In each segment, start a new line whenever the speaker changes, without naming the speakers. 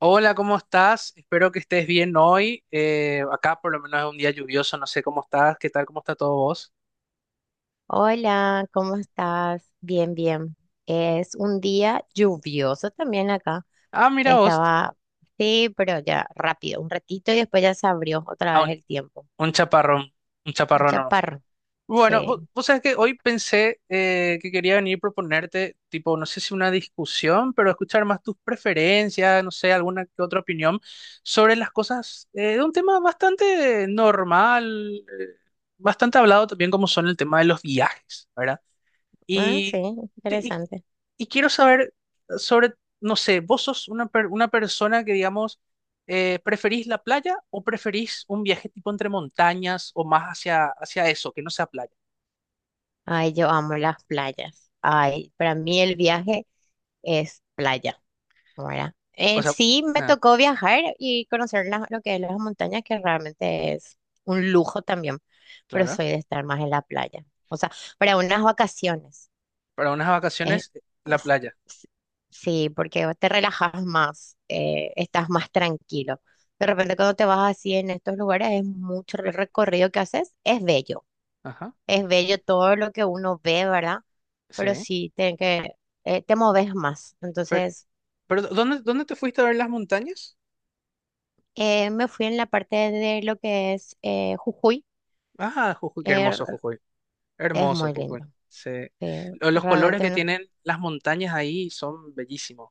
Hola, ¿cómo estás? Espero que estés bien hoy. Acá por lo menos es un día lluvioso, no sé cómo estás, qué tal, cómo está todo vos.
Hola, ¿cómo estás? Bien, bien. Es un día lluvioso también acá.
Ah, mira vos,
Estaba, sí, pero ya rápido, un ratito y después ya se abrió otra
ah,
vez
un,
el tiempo.
un chaparrón, un
Un
chaparrón nomás.
chaparro, sí.
Bueno, vos sabés que hoy pensé que quería venir a proponerte, tipo, no sé si una discusión, pero escuchar más tus preferencias, no sé, alguna que otra opinión sobre las cosas de un tema bastante normal, bastante hablado también como son el tema de los viajes, ¿verdad?
Ah, sí,
Y, y,
interesante.
y quiero saber sobre, no sé, vos sos una persona que, digamos, ¿preferís la playa o preferís un viaje tipo entre montañas o más hacia eso, que no sea playa?
Ay, yo amo las playas. Ay, para mí el viaje es playa. Ahora,
O sea,
sí, me
ah,
tocó viajar y conocer lo que es las montañas, que realmente es un lujo también, pero
claro,
soy de estar más en la playa. O sea, para unas vacaciones.
para unas
eh,
vacaciones, la
s-
playa.
s- sí, porque te relajas más, estás más tranquilo. De repente cuando te vas así en estos lugares es mucho el recorrido que haces,
Ajá,
es bello todo lo que uno ve, ¿verdad? Pero
sí.
sí, te moves más.
Pero,
Entonces...
pero ¿dónde te fuiste a ver las montañas?
Me fui en la parte de lo que es Jujuy.
Ah, Jujuy, qué hermoso
Er-
Jujuy.
es
Hermoso
muy
Jujuy.
lindo.
Sí.
eh,
Los colores
Realmente
que
no,
tienen las montañas ahí son bellísimos.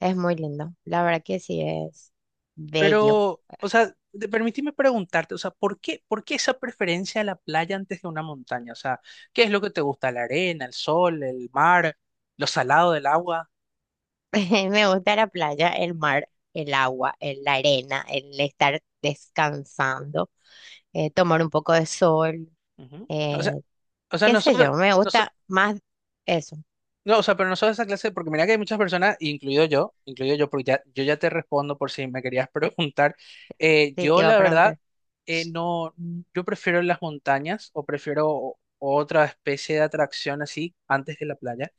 es muy lindo. La verdad que sí es bello.
Pero, o sea, permíteme preguntarte, o sea, ¿por qué esa preferencia a la playa antes de una montaña? O sea, ¿qué es lo que te gusta? ¿La arena, el sol, el mar, lo salado del agua?
Me gusta la playa, el mar, el agua, la arena, el estar descansando, tomar un poco de sol,
Ujú.
eh,
O sea, o sea,
qué sé
nosotros,
yo. Me
no,
gusta más eso.
no, o sea, pero nosotros esa clase, porque mira que hay muchas personas, incluido yo, porque ya, yo ya te respondo por si me querías preguntar. Eh,
Sí, te
yo,
iba a
la verdad,
preguntar.
no, yo prefiero las montañas o prefiero otra especie de atracción así antes de la playa.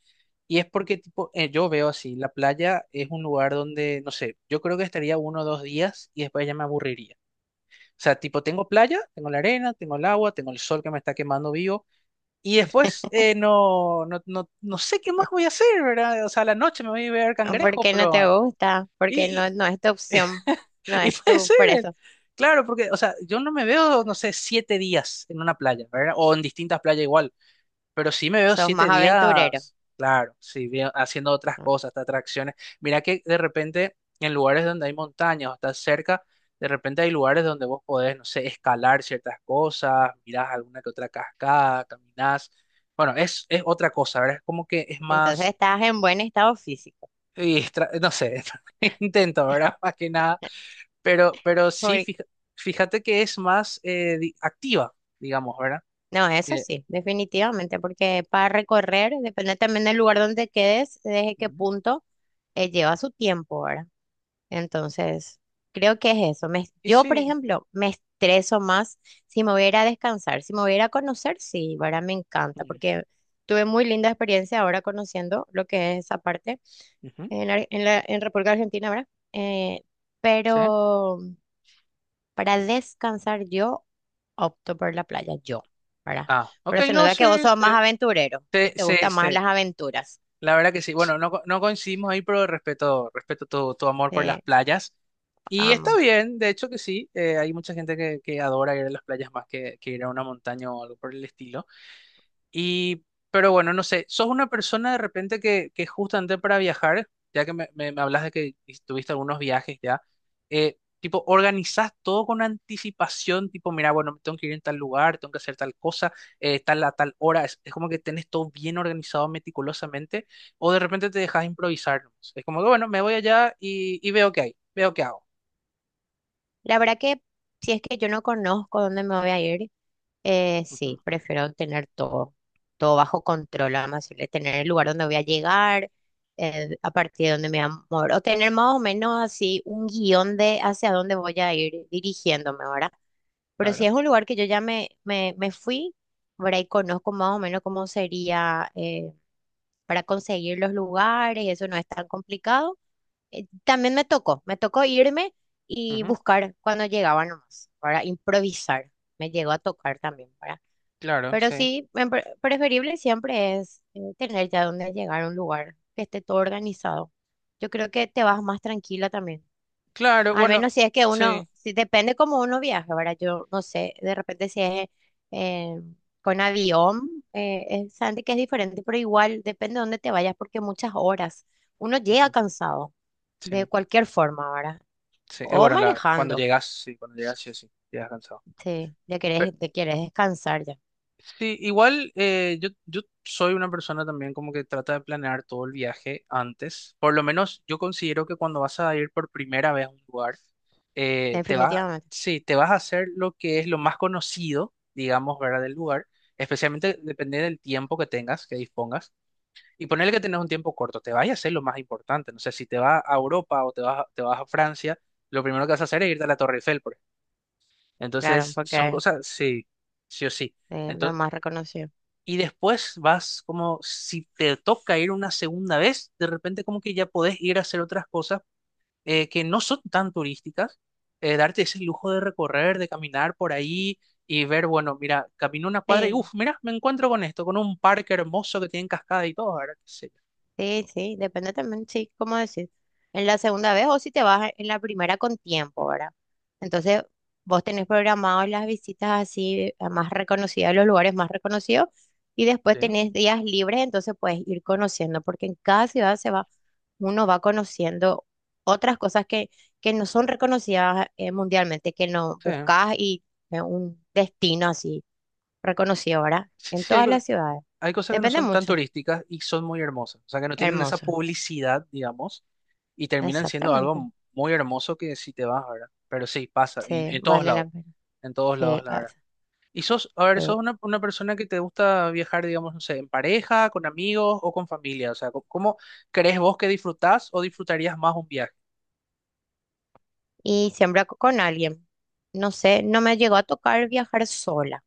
Y es porque, tipo, yo veo así, la playa es un lugar donde, no sé, yo creo que estaría uno o dos días y después ya me aburriría. O sea, tipo, tengo playa, tengo la arena, tengo el agua, tengo el sol que me está quemando vivo y después no, no, no, no sé qué más voy a hacer, ¿verdad? O sea, a la noche me voy a ver
¿Por
cangrejos.
qué no te
Pero...
gusta? Porque no,
Y,
no es tu opción. No
y
es
puede
tu, por
ser,
eso.
claro, porque, o sea, yo no me veo, no sé, 7 días en una playa, ¿verdad? O en distintas playas igual. Pero sí me veo
Sos
siete
más aventurero.
días, claro, sí, haciendo otras cosas, hasta atracciones. Mira que de repente en lugares donde hay montañas o estás cerca, de repente hay lugares donde vos podés, no sé, escalar ciertas cosas, mirás alguna que otra cascada, caminás. Bueno, es otra cosa, ¿verdad? Es como que es
Entonces
más,
estás en buen estado físico.
no sé, intento, ¿verdad? Más que nada. Pero sí,
Por-
fíjate que es más activa, digamos, ¿verdad?
No, eso
Eh,
sí, definitivamente, porque para recorrer, depende también del lugar donde quedes, desde qué
ujú.
punto lleva su tiempo, ¿verdad? Entonces, creo que es eso.
Y
Yo, por
sí.
ejemplo, me estreso más si me voy a ir a descansar, si me voy a ir a conocer, sí, ¿verdad? Me encanta,
Mm,
porque tuve muy linda experiencia ahora conociendo lo que es esa parte
ujú,
en, Ar- en la, en República Argentina, ¿verdad?
sí.
Pero... Para descansar yo opto por la playa, yo, ¿verdad?
Ah, ok,
Pero se
no,
nota que vos
sí,
sos
sí.
más aventurero, que
Sí,
te
sí,
gustan más
sí.
las aventuras.
La verdad que sí. Bueno, no, no coincidimos ahí, pero respeto tu amor por las
Eh,
playas. Y está
amo.
bien, de hecho que sí. Hay mucha gente que adora ir a las playas más que ir a una montaña o algo por el estilo. Y, pero bueno, no sé, ¿sos una persona de repente que justamente para viajar, ya que me hablas de que tuviste algunos viajes ya, tipo, organizás todo con anticipación, tipo, mira, bueno, me tengo que ir en tal lugar, tengo que hacer tal cosa, tal a tal hora, es como que tenés todo bien organizado meticulosamente, o de repente te dejas improvisar, ¿nomás? Es como que, bueno, me voy allá y veo qué hay, veo qué hago.
La verdad que si es que yo no conozco dónde me voy a ir,
Ujú,
sí, prefiero tener todo, todo bajo control, además tener el lugar donde voy a llegar, a partir de dónde me voy a mover, o tener más o menos así un guión de hacia dónde voy a ir dirigiéndome, ¿verdad? Pero si
claro,
es un lugar que yo ya me fui, por ahí conozco más o menos cómo sería para conseguir los lugares, y eso no es tan complicado. También me tocó irme y
ujú,
buscar cuando llegaba nomás, para improvisar. Me llegó a tocar también, para.
claro,
Pero
sí,
sí, preferible siempre es tener ya donde llegar a un lugar que esté todo organizado. Yo creo que te vas más tranquila también.
claro,
Al
bueno,
menos si es que uno,
sí,
si depende cómo uno viaje, ¿verdad? Yo no sé, de repente si es eh, con avión, es, Sandy, que es diferente, pero igual depende de dónde te vayas, porque muchas horas uno llega
ujú,
cansado, de
sí.
cualquier forma, ¿verdad?
Sí,
O
bueno,
manejando,
cuando llegas, sí, sí, llegas cansado.
sí, ya
Pero,
querés, te quieres descansar ya,
sí, igual yo soy una persona también como que trata de planear todo el viaje antes. Por lo menos yo considero que cuando vas a ir por primera vez a un lugar, te vas,
definitivamente,
sí, te vas a hacer lo que es lo más conocido, digamos, ¿verdad? Del lugar. Especialmente depende del tiempo que tengas, que dispongas. Y ponerle que tenés un tiempo corto, te vas a hacer lo más importante. No sé, si te vas a Europa o te vas a Francia, lo primero que vas a hacer es irte a la Torre Eiffel, por
claro,
Entonces, son
porque
cosas, sí, sí o sí.
es lo
Entonces,
más reconocido.
y después vas como, si te toca ir una segunda vez, de repente como que ya podés ir a hacer otras cosas que no son tan turísticas, darte ese lujo de recorrer, de caminar por ahí y ver, bueno, mira, camino una cuadra y,
Sí,
uff, mira, me encuentro con esto, con un parque hermoso que tiene cascada y todo, ¿verdad? ¿Qué sé yo?
sí, sí, depende también, sí, cómo decir, en la segunda vez o si te vas en la primera con tiempo, ¿verdad? Entonces, vos tenés programado las visitas así a más reconocidas, los lugares más reconocidos, y después
Sí,
tenés días libres, entonces puedes ir conociendo, porque en cada ciudad se va, uno va conociendo otras cosas que no son reconocidas mundialmente, que no
sí.
buscas y un destino así reconocido, ¿verdad?
Sí,
En
sí,
todas las ciudades.
hay cosas que no
Depende
son tan
mucho.
turísticas y son muy hermosas, o sea, que no tienen esa
Hermoso.
publicidad, digamos, y terminan siendo
Exactamente.
algo muy hermoso que si te vas, ¿verdad? Pero sí, pasa,
Sí,
todos
vale la
lados,
pena.
en todos
Sí,
lados, la
ah,
verdad. Y sos, a ver,
sí.
sos una persona que te gusta viajar, digamos, no sé, en pareja, con amigos o con familia, o sea, ¿cómo crees vos que disfrutás o disfrutarías más un viaje?
Y con alguien. No sé, no me llegó a tocar viajar sola,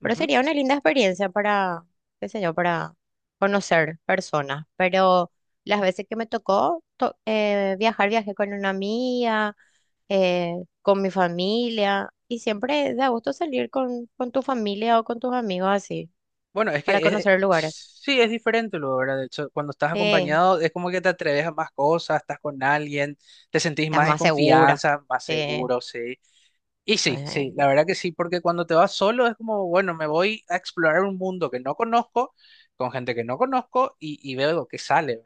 pero sería una linda experiencia para, qué sé yo, para conocer personas. Pero las veces que me tocó viajar, viajé con una amiga, eh, con mi familia, y siempre da gusto salir con tu familia o con tus amigos así,
Bueno, es
para
que
conocer lugares.
sí es diferente, lo verdad. De hecho, cuando estás
Sí,
acompañado es como que te atreves a más cosas, estás con alguien, te sentís
estás
más en
más segura.
confianza, más
Sí,
seguro, sí. Y sí, sí,
ajá,
la verdad que sí, porque cuando te vas solo es como, bueno, me voy a explorar un mundo que no conozco, con gente que no conozco y veo lo que sale.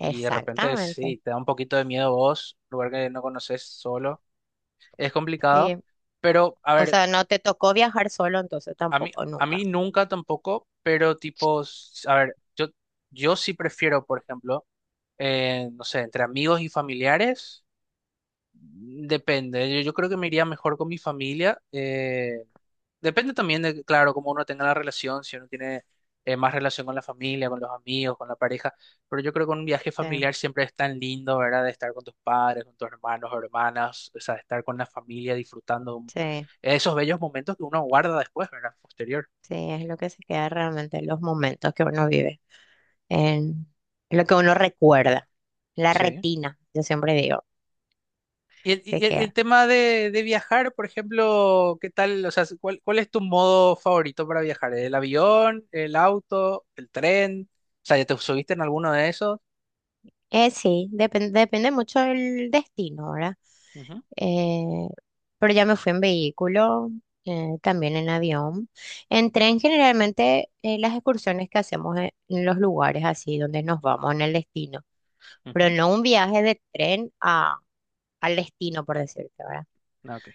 Y de repente sí, te da un poquito de miedo vos, lugar que no conoces solo, es complicado.
Sí.
Pero, a
O
ver.
sea, no te tocó viajar solo, entonces
A mí,
tampoco,
a mí
nunca.
nunca tampoco, pero tipo, a ver, yo sí prefiero, por ejemplo, no sé, entre amigos y familiares, depende. Yo creo que me iría mejor con mi familia. Depende también de, claro, cómo uno tenga la relación, si uno tiene más relación con la familia, con los amigos, con la pareja. Pero yo creo que un viaje
Sí,
familiar siempre es tan lindo, ¿verdad? De estar con tus padres, con tus hermanos, hermanas, o sea, estar con la familia disfrutando
sí,
esos bellos momentos que uno guarda después, ¿verdad? Posterior.
sí, es lo que se queda realmente los momentos que uno vive, en lo que uno recuerda, la
Sí.
retina, yo siempre digo,
Y el,
se
y el- el
queda.
tema de viajar, por ejemplo, ¿qué tal? O sea, ¿cuál es tu modo favorito para viajar? ¿El avión, el auto, el tren? O sea, ¿ya te subiste en alguno de esos?
Sí, depende mucho del destino, ¿verdad?
Ujú,
Eh, pero ya me fui en vehículo, también en avión. En tren, generalmente, las excursiones que hacemos en los lugares así donde nos vamos en el destino. Pero
ujú.
no un viaje de tren a, al destino, por decirte, ¿verdad?
Ah, ok.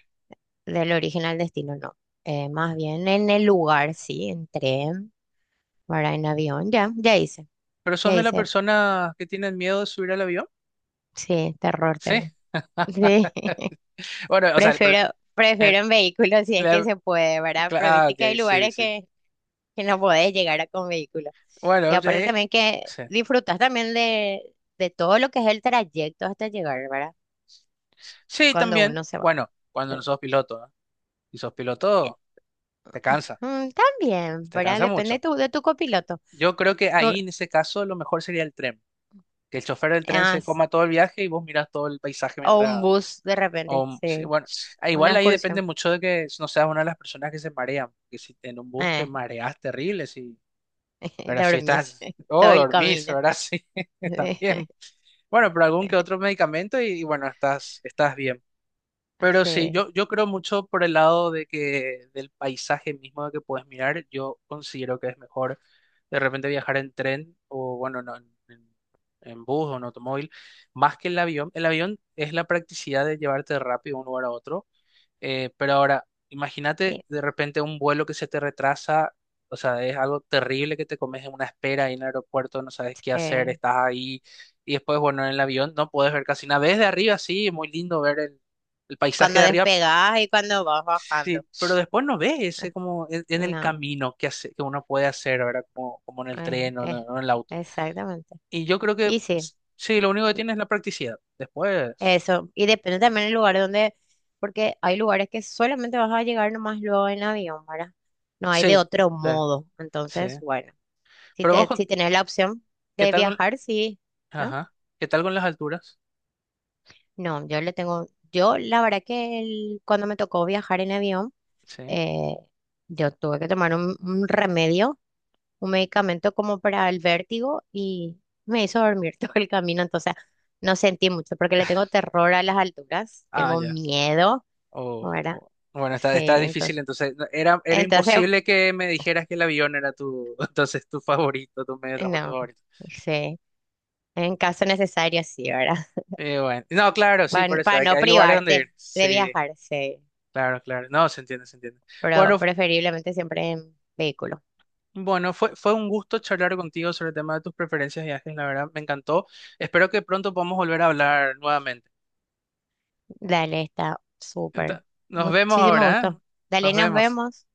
Del origen al destino, no. Más bien en el lugar, sí, en tren, ¿verdad? En avión, ya hice,
¿Pero sos
ya
de la
hice.
persona que tienen miedo de subir al avión?
Sí, terror
Sí.
tengo. Sí,
Bueno, o sea, el, pro-
prefiero,
el-
prefiero en vehículo si es que
la-
se puede, ¿verdad?
cla-
Pero
ah,
viste
ok,
que hay
sí,
lugares
sí.
que no podés llegar a con vehículo.
Bueno,
Y aparte también que
sí.
disfrutas también de todo lo que es el trayecto hasta llegar, ¿verdad?
Sí,
Cuando
también.
uno se va.
Bueno, cuando no sos piloto, ¿no? Si sos piloto, te cansa,
Mm, también,
te
¿verdad?
cansa
Depende
mucho.
de tu copiloto.
Yo creo que ahí
Por-
en ese caso lo mejor sería el tren, que el chofer del tren
ah,
se
s-
coma todo el viaje y vos mirás todo el paisaje
o un
mientras.
bus de repente,
O, sí,
sí.
bueno, ah,
Una
igual ahí depende
excursión.
mucho de que no seas una de las personas que se marean, que si en un bus te
Eh,
mareas terrible, si, ahora si
dormís
estás,
todo
oh,
el
dormís,
camino.
ahora sí, también. Bueno, pero algún que otro medicamento y bueno, estás bien. Pero sí,
Sí.
yo creo mucho por el lado de que del paisaje mismo de que puedes mirar, yo considero que es mejor de repente viajar en tren o bueno, no, en, en bus o en automóvil, más que el avión. El avión es la practicidad de llevarte rápido de un lugar a otro. Pero ahora, imagínate
y-
de repente un vuelo que se te retrasa, o sea, es algo terrible que te comes en una espera ahí en el aeropuerto, no sabes qué hacer,
sí.
estás ahí y después, bueno, en el avión no puedes ver casi nada. Ves de arriba, sí, muy lindo ver el paisaje
Cuando
de arriba,
despegás y cuando vas bajando.
sí, pero después no ves ese como en el
No,
camino que, hace, que uno puede hacer, ¿verdad? Como en el
eh,
tren o en,
eh,
o en el auto.
exactamente.
Y yo creo que
Y sí,
sí, lo único que tiene es la practicidad. Después,
eso. Y depende también del lugar donde, porque hay lugares que solamente vas a llegar nomás luego en avión, ¿verdad? No hay de
sí,
otro
sí,
modo.
sí.
Entonces, bueno. Si
Pero vos,
te, si tenés la opción
¿qué
de
tal con?
viajar, sí, ¿no?
Ajá. ¿Qué tal con las alturas?
No, yo le tengo, yo la verdad que cuando me tocó viajar en avión,
Sí.
eh, yo tuve que tomar un remedio, un medicamento como para el vértigo y me hizo dormir todo el camino, entonces no sentí mucho porque le tengo terror a las alturas,
Ah,
tengo
ya.
miedo,
Oh,
¿verdad?
oh. Bueno, está,
Sí,
está difícil,
entonces,
entonces no, era
entonces,
imposible que me dijeras que el avión era tu, entonces tu favorito, tu medio de transporte
no,
favorito.
sí, en caso necesario, sí, ¿verdad?
Bueno, no, claro, sí, por eso,
Para
hay,
no
hay lugares donde ir.
privarte de
Sí,
viajar, sí.
claro, claro. No, se entiende, se entiende.
Pero
Bueno, fu-
preferiblemente siempre en vehículo.
bueno, fue un gusto charlar contigo sobre el tema de tus preferencias de viajes, la verdad, me encantó. Espero que pronto podamos volver a hablar nuevamente.
Dale, está súper.
Nos vemos
Muchísimo
ahora, ¿eh?
gusto. Dale,
Nos
nos
vemos.
vemos.